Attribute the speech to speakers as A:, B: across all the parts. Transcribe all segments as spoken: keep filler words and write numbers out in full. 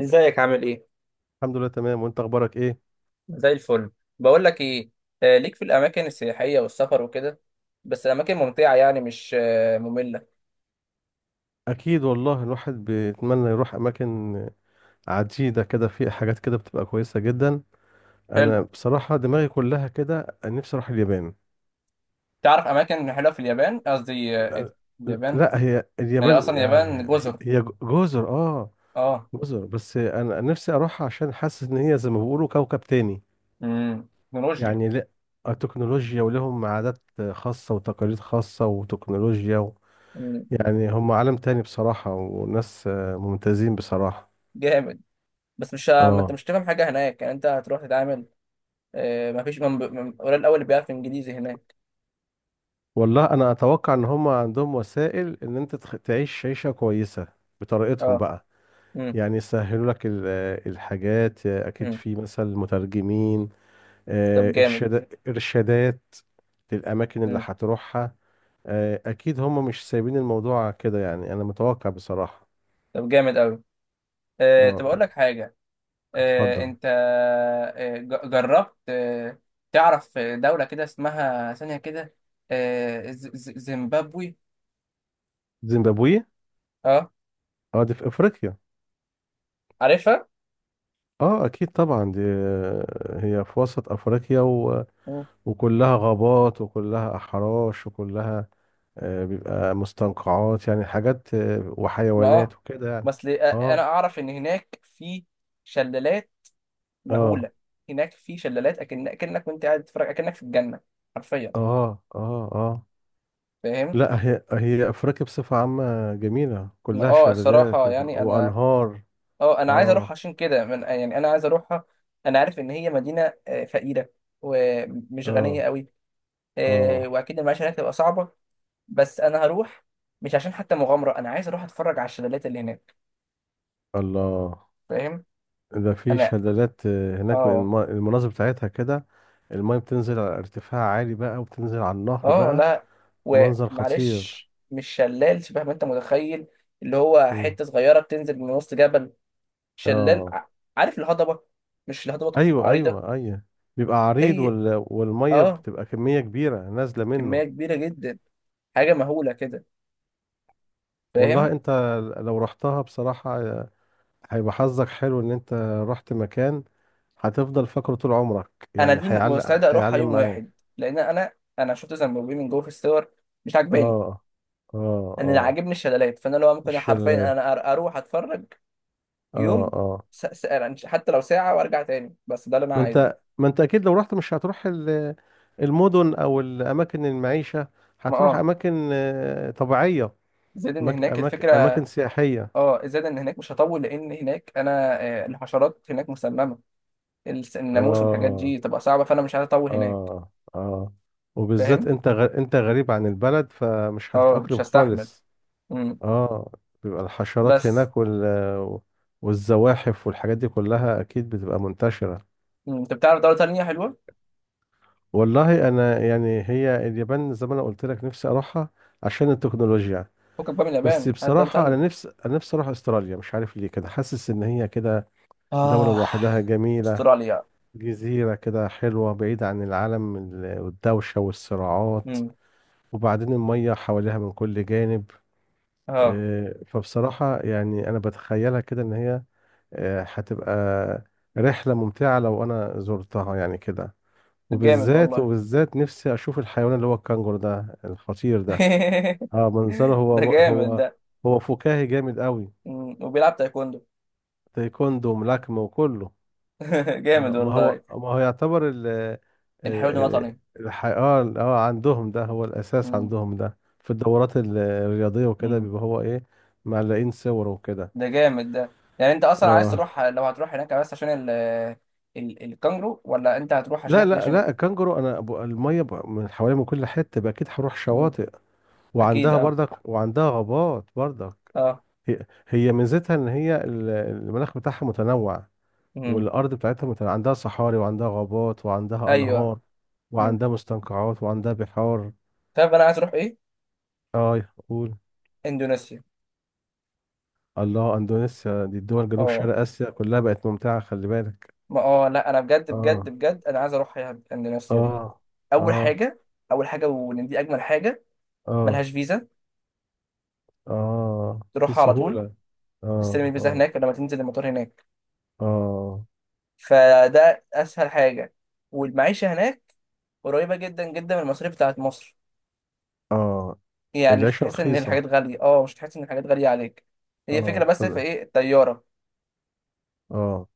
A: ازيك؟ عامل ايه؟
B: الحمد لله، تمام. وانت اخبارك ايه؟
A: زي الفل. بقول لك ايه. آه ليك في الاماكن السياحيه والسفر وكده. بس الاماكن ممتعه يعني مش آه ممله.
B: اكيد والله، الواحد بيتمنى يروح اماكن عديده كده. في حاجات كده بتبقى كويسه جدا.
A: حلو.
B: انا بصراحه دماغي كلها كده، نفسي اروح اليابان.
A: تعرف اماكن حلوه في اليابان؟ قصدي آه إيه ده؟
B: لا،
A: اليابان
B: لا، هي
A: هي
B: اليابان
A: اصلا
B: يعني.
A: اليابان جزر.
B: هي جزر، اه.
A: اه.
B: جزر، بس انا نفسي اروح عشان حاسس ان هي زي ما بيقولوا كوكب تاني.
A: امم تكنولوجيا.
B: يعني، لا. التكنولوجيا، ولهم عادات خاصه وتقاليد خاصه وتكنولوجيا و.
A: مم،
B: يعني هم عالم تاني بصراحه، وناس آه، ممتازين بصراحه.
A: جامد. بس مش ه- ما انت
B: اه،
A: مش تفهم حاجه هناك، يعني انت هتروح تتعامل. آه ما فيش من... ب- من... قليل الاول اللي بيعرف انجليزي هناك.
B: والله انا اتوقع ان هم عندهم وسائل ان انت تخ- تعيش عيشة كويسة بطريقتهم
A: اه.
B: بقى.
A: امم
B: يعني يسهلوا لك ال- الحاجات، اكيد
A: امم
B: في مثلا مترجمين.
A: طب
B: آه،
A: جامد.
B: ارشاد ارشادات للاماكن اللي
A: امم
B: هتروحها. آه، اكيد هم مش سايبين الموضوع كده، يعني انا متوقع بصراحة.
A: طب جامد قوي. آه طب اقول
B: اه،
A: لك حاجه. آه،
B: اتفضل.
A: انت آه، ج- جربت آه، تعرف دولة كده اسمها ثانية كده؟ آه، ز- ز- زيمبابوي.
B: زيمبابوي.
A: اه،
B: اه، دي في افريقيا.
A: عارفها.
B: اه، اكيد طبعا دي، هي في وسط افريقيا و.
A: مم.
B: وكلها غابات وكلها احراش وكلها آه، بيبقى مستنقعات، يعني حاجات آه،
A: ما
B: وحيوانات
A: اه
B: وكده يعني.
A: بس ل- آه، انا
B: اه،
A: اعرف ان هناك في شلالات
B: اه،
A: مهولة. هناك في شلالات اكن، اكنك وانت قاعد تتفرج اكنك في الجنة. حرفيا.
B: اه، اه، اه.
A: فاهم.
B: لا، هي هي افريقيا بصفة عامة جميلة، كلها
A: اه
B: شلالات
A: الصراحة
B: و-
A: يعني انا
B: وانهار.
A: اه انا عايز اروح
B: اه،
A: عشان كده من، يعني انا عايز اروحها. انا عارف ان هي مدينة آه، فقيرة ومش غنية
B: اه،
A: قوي. آه،
B: اه.
A: واكيد المعيشه هناك تبقى صعبه. بس انا هروح، مش عشان حتى مغامره، انا عايز اروح اتفرج على الشلالات اللي هناك.
B: الله.
A: فاهم.
B: ده في
A: انا
B: شلالات آه، هناك،
A: اه
B: الم- المناظر بتاعتها كده. المايه بتنزل على ارتفاع عالي بقى، وبتنزل على النهر
A: اه
B: بقى.
A: لا.
B: منظر خطير.
A: ومعلش مش شلال شبه ما انت متخيل، اللي هو
B: مم.
A: حته صغيره بتنزل من وسط جبل. شلال
B: اه،
A: ع- عارف الهضبه؟ مش الهضبه
B: ايوه،
A: عريضه.
B: ايوه، ايوه. بيبقى عريض،
A: هي
B: وال... والميه
A: اه،
B: بتبقى كميه كبيره نازله
A: كميه
B: منه.
A: كبيره جدا، حاجه مهوله كده.
B: والله
A: فاهم.
B: انت، لو رحتها بصراحه هيبقى حظك حلو ان انت رحت مكان، هتفضل فاكره طول عمرك،
A: انا
B: يعني
A: دي
B: هيعلق
A: مستعد اروحها
B: هيعلم
A: يوم
B: معاك.
A: واحد. لان انا انا شفت زنبوبيه من جوه في الصور، مش عاجباني.
B: اه، اه،
A: انا اللي
B: اه.
A: عاجبني الشلالات، فانا لو ممكن حرفيا
B: الشلال.
A: انا أر- اروح اتفرج
B: اه،
A: يوم.
B: اه.
A: س... س... يعني حتى لو ساعه وارجع تاني، بس ده اللي انا
B: ما
A: عايزه.
B: انت ما انت اكيد لو رحت مش هتروح ال- المدن او الاماكن المعيشه.
A: ما
B: هتروح
A: اه
B: اماكن آه، طبيعيه.
A: زائد ان
B: أماك...
A: هناك
B: أماك...
A: الفكره.
B: اماكن سياحيه.
A: اه، زائد ان هناك مش هطول، لان هناك انا آه، الحشرات هناك مسممه. الس- الناموس والحاجات
B: اه،
A: دي تبقى صعبه، فانا مش عايز اطول هناك.
B: اه، اه. وبالذات
A: فاهم.
B: انت غ... انت غريب عن البلد، فمش
A: اه مش
B: هتتأقلم
A: هستحمل.
B: خالص.
A: امم
B: اه، بيبقى الحشرات
A: بس
B: هناك وال... والزواحف والحاجات دي كلها اكيد بتبقى منتشرة.
A: مم. انت بتعرف دوله تانيه حلوه؟
B: والله انا يعني، هي اليابان زي ما انا قلت لك نفسي اروحها عشان التكنولوجيا.
A: فكك بقى من
B: بس
A: اليابان، هات دوله
B: بصراحة، انا
A: تانيه.
B: نفسي انا نفسي اروح استراليا، مش عارف ليه كده، حاسس ان هي كده دولة
A: آه
B: لوحدها جميلة.
A: استراليا.
B: جزيرة كده حلوة، بعيدة عن العالم ال- والدوشة والصراعات.
A: امم
B: وبعدين المية حواليها من كل جانب.
A: اه
B: آه، فبصراحة يعني أنا بتخيلها كده إن هي آه، هتبقى رحلة ممتعة لو أنا زرتها يعني كده.
A: جامد
B: وبالذات
A: والله.
B: وبالذات نفسي أشوف الحيوان اللي هو الكنجر ده الخطير ده. اه، منظره
A: ده
B: هو
A: جامد
B: هو
A: ده.
B: هو فكاهي جامد قوي.
A: مم. وبيلعب تايكوندو.
B: تايكوندو وملاكمة وكله.
A: جامد
B: آه، ما
A: والله.
B: هو ما هو يعتبر ال
A: الحيوان
B: ال-
A: الوطني.
B: الحي... اه ال- اه عندهم ده هو الأساس،
A: مم.
B: عندهم ده في الدورات ال- الرياضية وكده،
A: مم.
B: بيبقى هو ايه. معلقين صور وكده.
A: ده جامد ده. يعني انت اصلا عايز
B: اه،
A: تروح، لو هتروح هناك بس عشان ال ال الكانجرو، ولا انت هتروح عشان
B: لا،
A: اكل
B: لا،
A: عشان.
B: لا، الكنجرو انا ب- الميه ب- من حوالي من كل حته، بقى اكيد هروح
A: مم.
B: شواطئ.
A: اكيد
B: وعندها
A: اه.
B: برضك، وعندها غابات برضك.
A: اه.
B: هي, هي ميزتها ان هي ال- المناخ بتاعها متنوع.
A: مم.
B: والارض بتاعتها متنوع. عندها صحاري وعندها غابات وعندها
A: ايوه.
B: انهار.
A: مم.
B: وعندها مستنقعات وعندها بحار.
A: طيب انا عايز اروح ايه؟
B: اه، قول.
A: اندونيسيا.
B: الله، اندونيسيا دي الدول جنوب
A: اه
B: شرق اسيا كلها بقت ممتعه، خلي بالك.
A: ما اه لا انا بجد بجد
B: اه،
A: بجد انا عايز اروح يا- اندونيسيا دي.
B: اه،
A: اول
B: اه،
A: حاجه، اول حاجه ودي اجمل حاجه،
B: اه،
A: ملهاش فيزا.
B: اه. في
A: تروحها على طول،
B: سهوله.
A: تستلم
B: اه،
A: الفيزا
B: اه،
A: هناك لما تنزل المطار هناك.
B: اه،
A: فده اسهل حاجه. والمعيشه هناك قريبه جدا جدا من المصاريف بتاعت مصر.
B: اه.
A: يعني مش
B: العيشه
A: هتحس ان الحاجات
B: رخيصه.
A: غاليه، اه مش هتحس ان الحاجات غاليه عليك. هي فكره،
B: اه،
A: بس في
B: طب،
A: ايه الطياره
B: اه،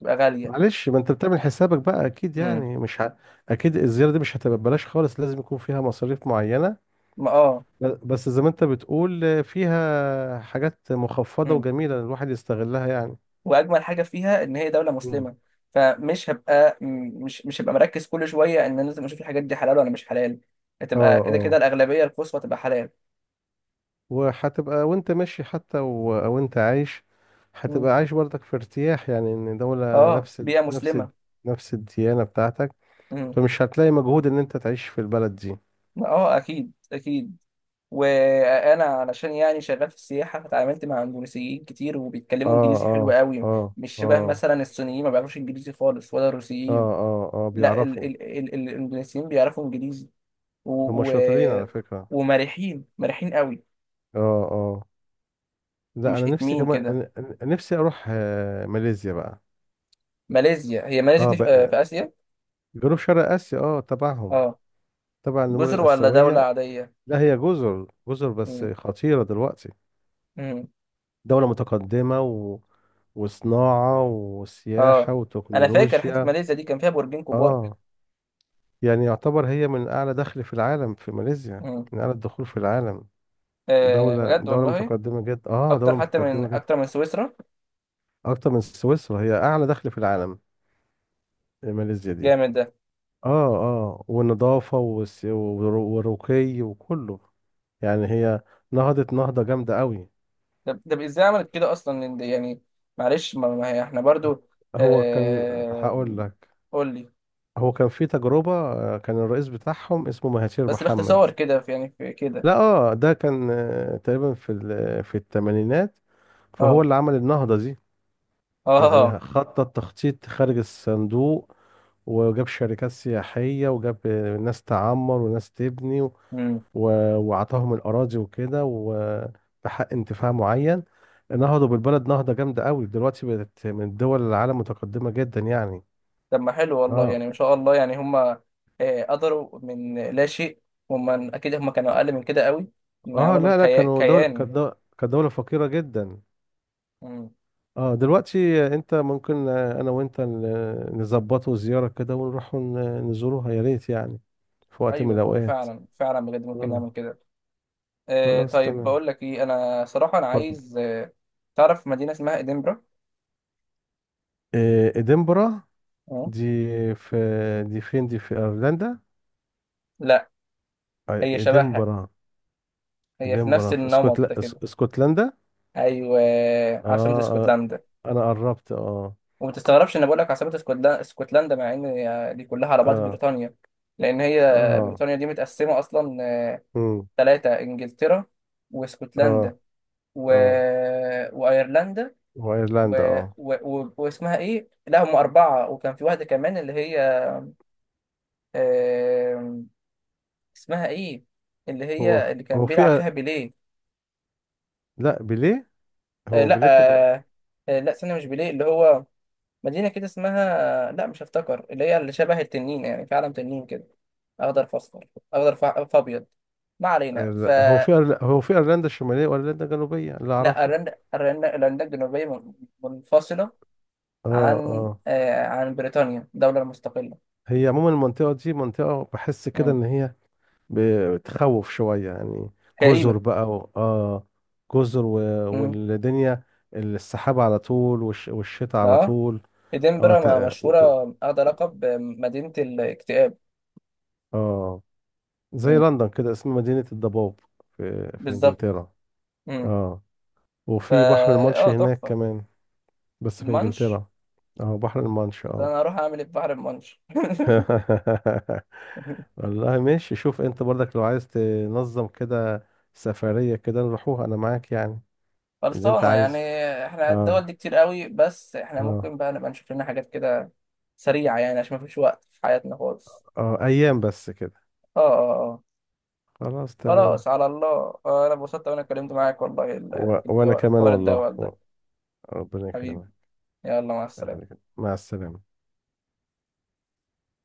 A: تبقى غاليه.
B: معلش ما انت بتعمل حسابك بقى، اكيد
A: مم.
B: يعني مش ه... اكيد الزياره دي مش هتبقى ببلاش خالص، لازم يكون فيها مصاريف معينه.
A: ما اه
B: ب- بس زي ما انت بتقول، آه، فيها حاجات مخفضه
A: مم.
B: وجميله الواحد يستغلها يعني.
A: واجمل حاجه فيها ان هي دوله
B: مم.
A: مسلمه. فمش هبقى م- مش مش هبقى مركز كل شويه ان انا لازم اشوف الحاجات دي حلال ولا مش حلال.
B: اه،
A: هتبقى كده كده
B: اه.
A: الاغلبيه القصوى تبقى حلال.
B: وهتبقى وانت ماشي حتى، و- او انت عايش.
A: مم.
B: هتبقى عايش برضك في ارتياح، يعني ان دولة
A: اه
B: نفس ال-
A: بيئه
B: نفس ال-
A: مسلمه.
B: نفس الديانة بتاعتك.
A: مم.
B: فمش هتلاقي مجهود ان انت تعيش في البلد دي.
A: ما اه اكيد اكيد. وانا علشان يعني شغال في السياحه، فتعاملت مع اندونيسيين كتير وبيتكلموا
B: اه،
A: انجليزي حلو
B: اه،
A: قوي.
B: اه،
A: مش شبه
B: اه،
A: مثلا الصينيين، ما بيعرفوش انجليزي خالص، ولا
B: اه،
A: الروسيين.
B: اه، اه،
A: لا ال
B: بيعرفوا.
A: ال ال ال- الاندونيسيين بيعرفوا انجليزي.
B: هم
A: و و
B: شاطرين على فكرة.
A: ومرحين مرحين قوي.
B: اه، اه. لا،
A: مش
B: انا نفسي
A: اتمين
B: كمان،
A: كده
B: أنا- أنا نفسي اروح آه، ماليزيا بقى.
A: ماليزيا؟ هي ماليزيا
B: اه
A: دي في، آه،
B: بقى.
A: في اسيا.
B: جنوب شرق اسيا اه تبعهم.
A: اه.
B: تبع النمور
A: جزر ولا دوله
B: الاسيوية.
A: عاديه؟
B: لا، هي جزر جزر، بس
A: مم.
B: خطيرة دلوقتي.
A: مم.
B: دولة متقدمة و. وصناعة
A: اه.
B: وسياحة
A: انا فاكر حته
B: وتكنولوجيا.
A: ماليزيا دي كان فيها برجين كبار.
B: اه، يعني يعتبر هي من أعلى دخل في العالم. في ماليزيا،
A: مم.
B: من أعلى الدخول في العالم.
A: آه
B: دولة
A: بجد
B: دولة
A: والله.
B: متقدمة جدا، اه دولة
A: اكتر حتى من،
B: متقدمة جدا.
A: اكتر من سويسرا.
B: أكتر من سويسرا، هي أعلى دخل في العالم. ماليزيا دي.
A: جامد.
B: اه، اه، والنظافة والس- والرو- والرقي وكله. يعني هي نهضت نهضة جامدة قوي.
A: ده ده ازاي عملت كده اصلا؟ لأن ده يعني معلش ما ما هي احنا برضو
B: هو كان
A: آه...
B: هقول لك.
A: قول لي.
B: هو كان في تجربة، آه، كان الرئيس بتاعهم اسمه مهاتير
A: بس
B: محمد.
A: باختصار كده في يعني في كده.
B: لا، اه، ده كان آه، تقريبا في ال- في الثمانينات، فهو
A: اه
B: اللي عمل النهضة دي.
A: اه.
B: يعني خطط تخطيط خارج الصندوق. وجاب شركات سياحية، وجاب آه، ناس تعمر وناس تبني و-
A: امم
B: وعطاهم الأراضي وكده، وبحق انتفاع معين. نهضوا بالبلد نهضة جامدة قوي، دلوقتي بقت من الدول العالم متقدمة جدا يعني.
A: طب ما حلو والله،
B: اه،
A: يعني ما شاء الله. يعني هم آه، قدروا من لا شيء. هم اكيد هم كانوا اقل من كده قوي، ان
B: اه.
A: عملوا
B: لا، لا،
A: الكيا-
B: كانوا دولة
A: كيان.
B: كانت دو- كانت دولة فقيرة جدا.
A: امم
B: اه، دلوقتي انت ممكن، آه، انا وانت ن- نظبطوا زيارة كده، ونروح ن- نزوروها يا ريت يعني. في وقت من
A: ايوه. فوق.
B: الاوقات.
A: فعلا فعلا بجد ممكن
B: اه،
A: نعمل كده. آه
B: خلاص
A: طيب
B: تمام.
A: بقول لك ايه، انا صراحة انا
B: اتفضل.
A: عايز آه تعرف مدينة اسمها ادنبرا؟
B: آه، ادنبرا.
A: اه.
B: دي في دي فين؟ دي في ايرلندا؟
A: لا،
B: آه،
A: هي شبهها،
B: ادنبرا.
A: هي في نفس
B: ادنبرا في اسكتل...
A: النمط ده
B: اس-
A: كده.
B: اسكتلندا.
A: ايوه، عاصمة
B: اه. آه،
A: اسكتلندا.
B: انا قربت، اه.
A: وما تستغربش ان بقول لك عاصمة اسكتلندا، اسكتلندا، مع ان هي دي كلها على بعض
B: اه،
A: بريطانيا. لان هي
B: اه.
A: بريطانيا دي متقسمة اصلا
B: امم.
A: ثلاثة: انجلترا
B: اه،
A: واسكتلندا و...
B: اه.
A: وايرلندا
B: وايرلندا،
A: و...
B: اه.
A: و... و... واسمها ايه؟ لا هم اربعة، وكان في واحدة كمان، اللي هي آم، اسمها ايه؟ اللي
B: هو
A: هي
B: في-
A: اللي
B: هو
A: كان بيلعب
B: في
A: فيها بيليه.
B: لا، بيليه.
A: آه،
B: هو
A: لا
B: بيليه كان.
A: آه، آه، لا استنى مش بيليه، اللي هو مدينة كده اسمها، لا مش هفتكر، اللي هي اللي شبه التنين، يعني في عالم تنين كده، أخضر في أصفر، أخضر في في أبيض. ما علينا.
B: أيوة،
A: ف
B: لا، هو في أيرل- هو في ايرلندا الشماليه وايرلندا الجنوبيه اللي
A: لا
B: اعرفه.
A: أيرلندا، أيرلندا أيرلندا الجنوبية من- منفصلة
B: اه،
A: عن
B: اه.
A: آه عن بريطانيا، دولة مستقلة.
B: هي عموما المنطقه دي منطقه، بحس كده
A: مم.
B: ان هي بتخوف شويه يعني. جزر
A: كئيبة.
B: بقى و، اه جزر و.
A: مم.
B: والدنيا، السحاب على طول، والش... والشتاء على
A: لا
B: طول. اه،
A: إدنبرا
B: ت...
A: ما-
B: و-
A: مشهورة،
B: و-
A: أخذ لقب مدينة الاكتئاب.
B: اه. زي
A: مم.
B: لندن كده، اسم مدينه الضباب. في في
A: بالظبط.
B: انجلترا.
A: مم.
B: اه.
A: فا
B: وفي بحر المانش
A: آه
B: هناك
A: تحفة.
B: كمان. بس في
A: المانش.
B: انجلترا. اه، بحر المانش، اه.
A: فأنا هروح أعمل إيه في بحر المانش؟
B: والله ماشي، شوف انت برضك لو عايز تنظم كده سفرية كده، نروحوها، انا معاك يعني. اللي انت
A: خلصانة يعني.
B: عايزه.
A: احنا الدول
B: اه،
A: دي كتير قوي، بس احنا
B: اه،
A: ممكن بقى نبقى نشوف لنا حاجات كده سريعة، يعني عشان مفيش وقت في حياتنا خالص.
B: اه، ايام بس كده.
A: اه اه اه.
B: خلاص تمام.
A: خلاص على الله. آه، انا اتبسطت وانا اتكلمت معاك والله ال-
B: و...
A: في
B: وانا
A: الدول- في
B: كمان
A: حوار
B: والله،
A: الدول
B: و.
A: ده.
B: ربنا
A: حبيبي.
B: يكرمك.
A: يلا مع
B: أهلا
A: السلامة.
B: وسهلا. مع السلامة.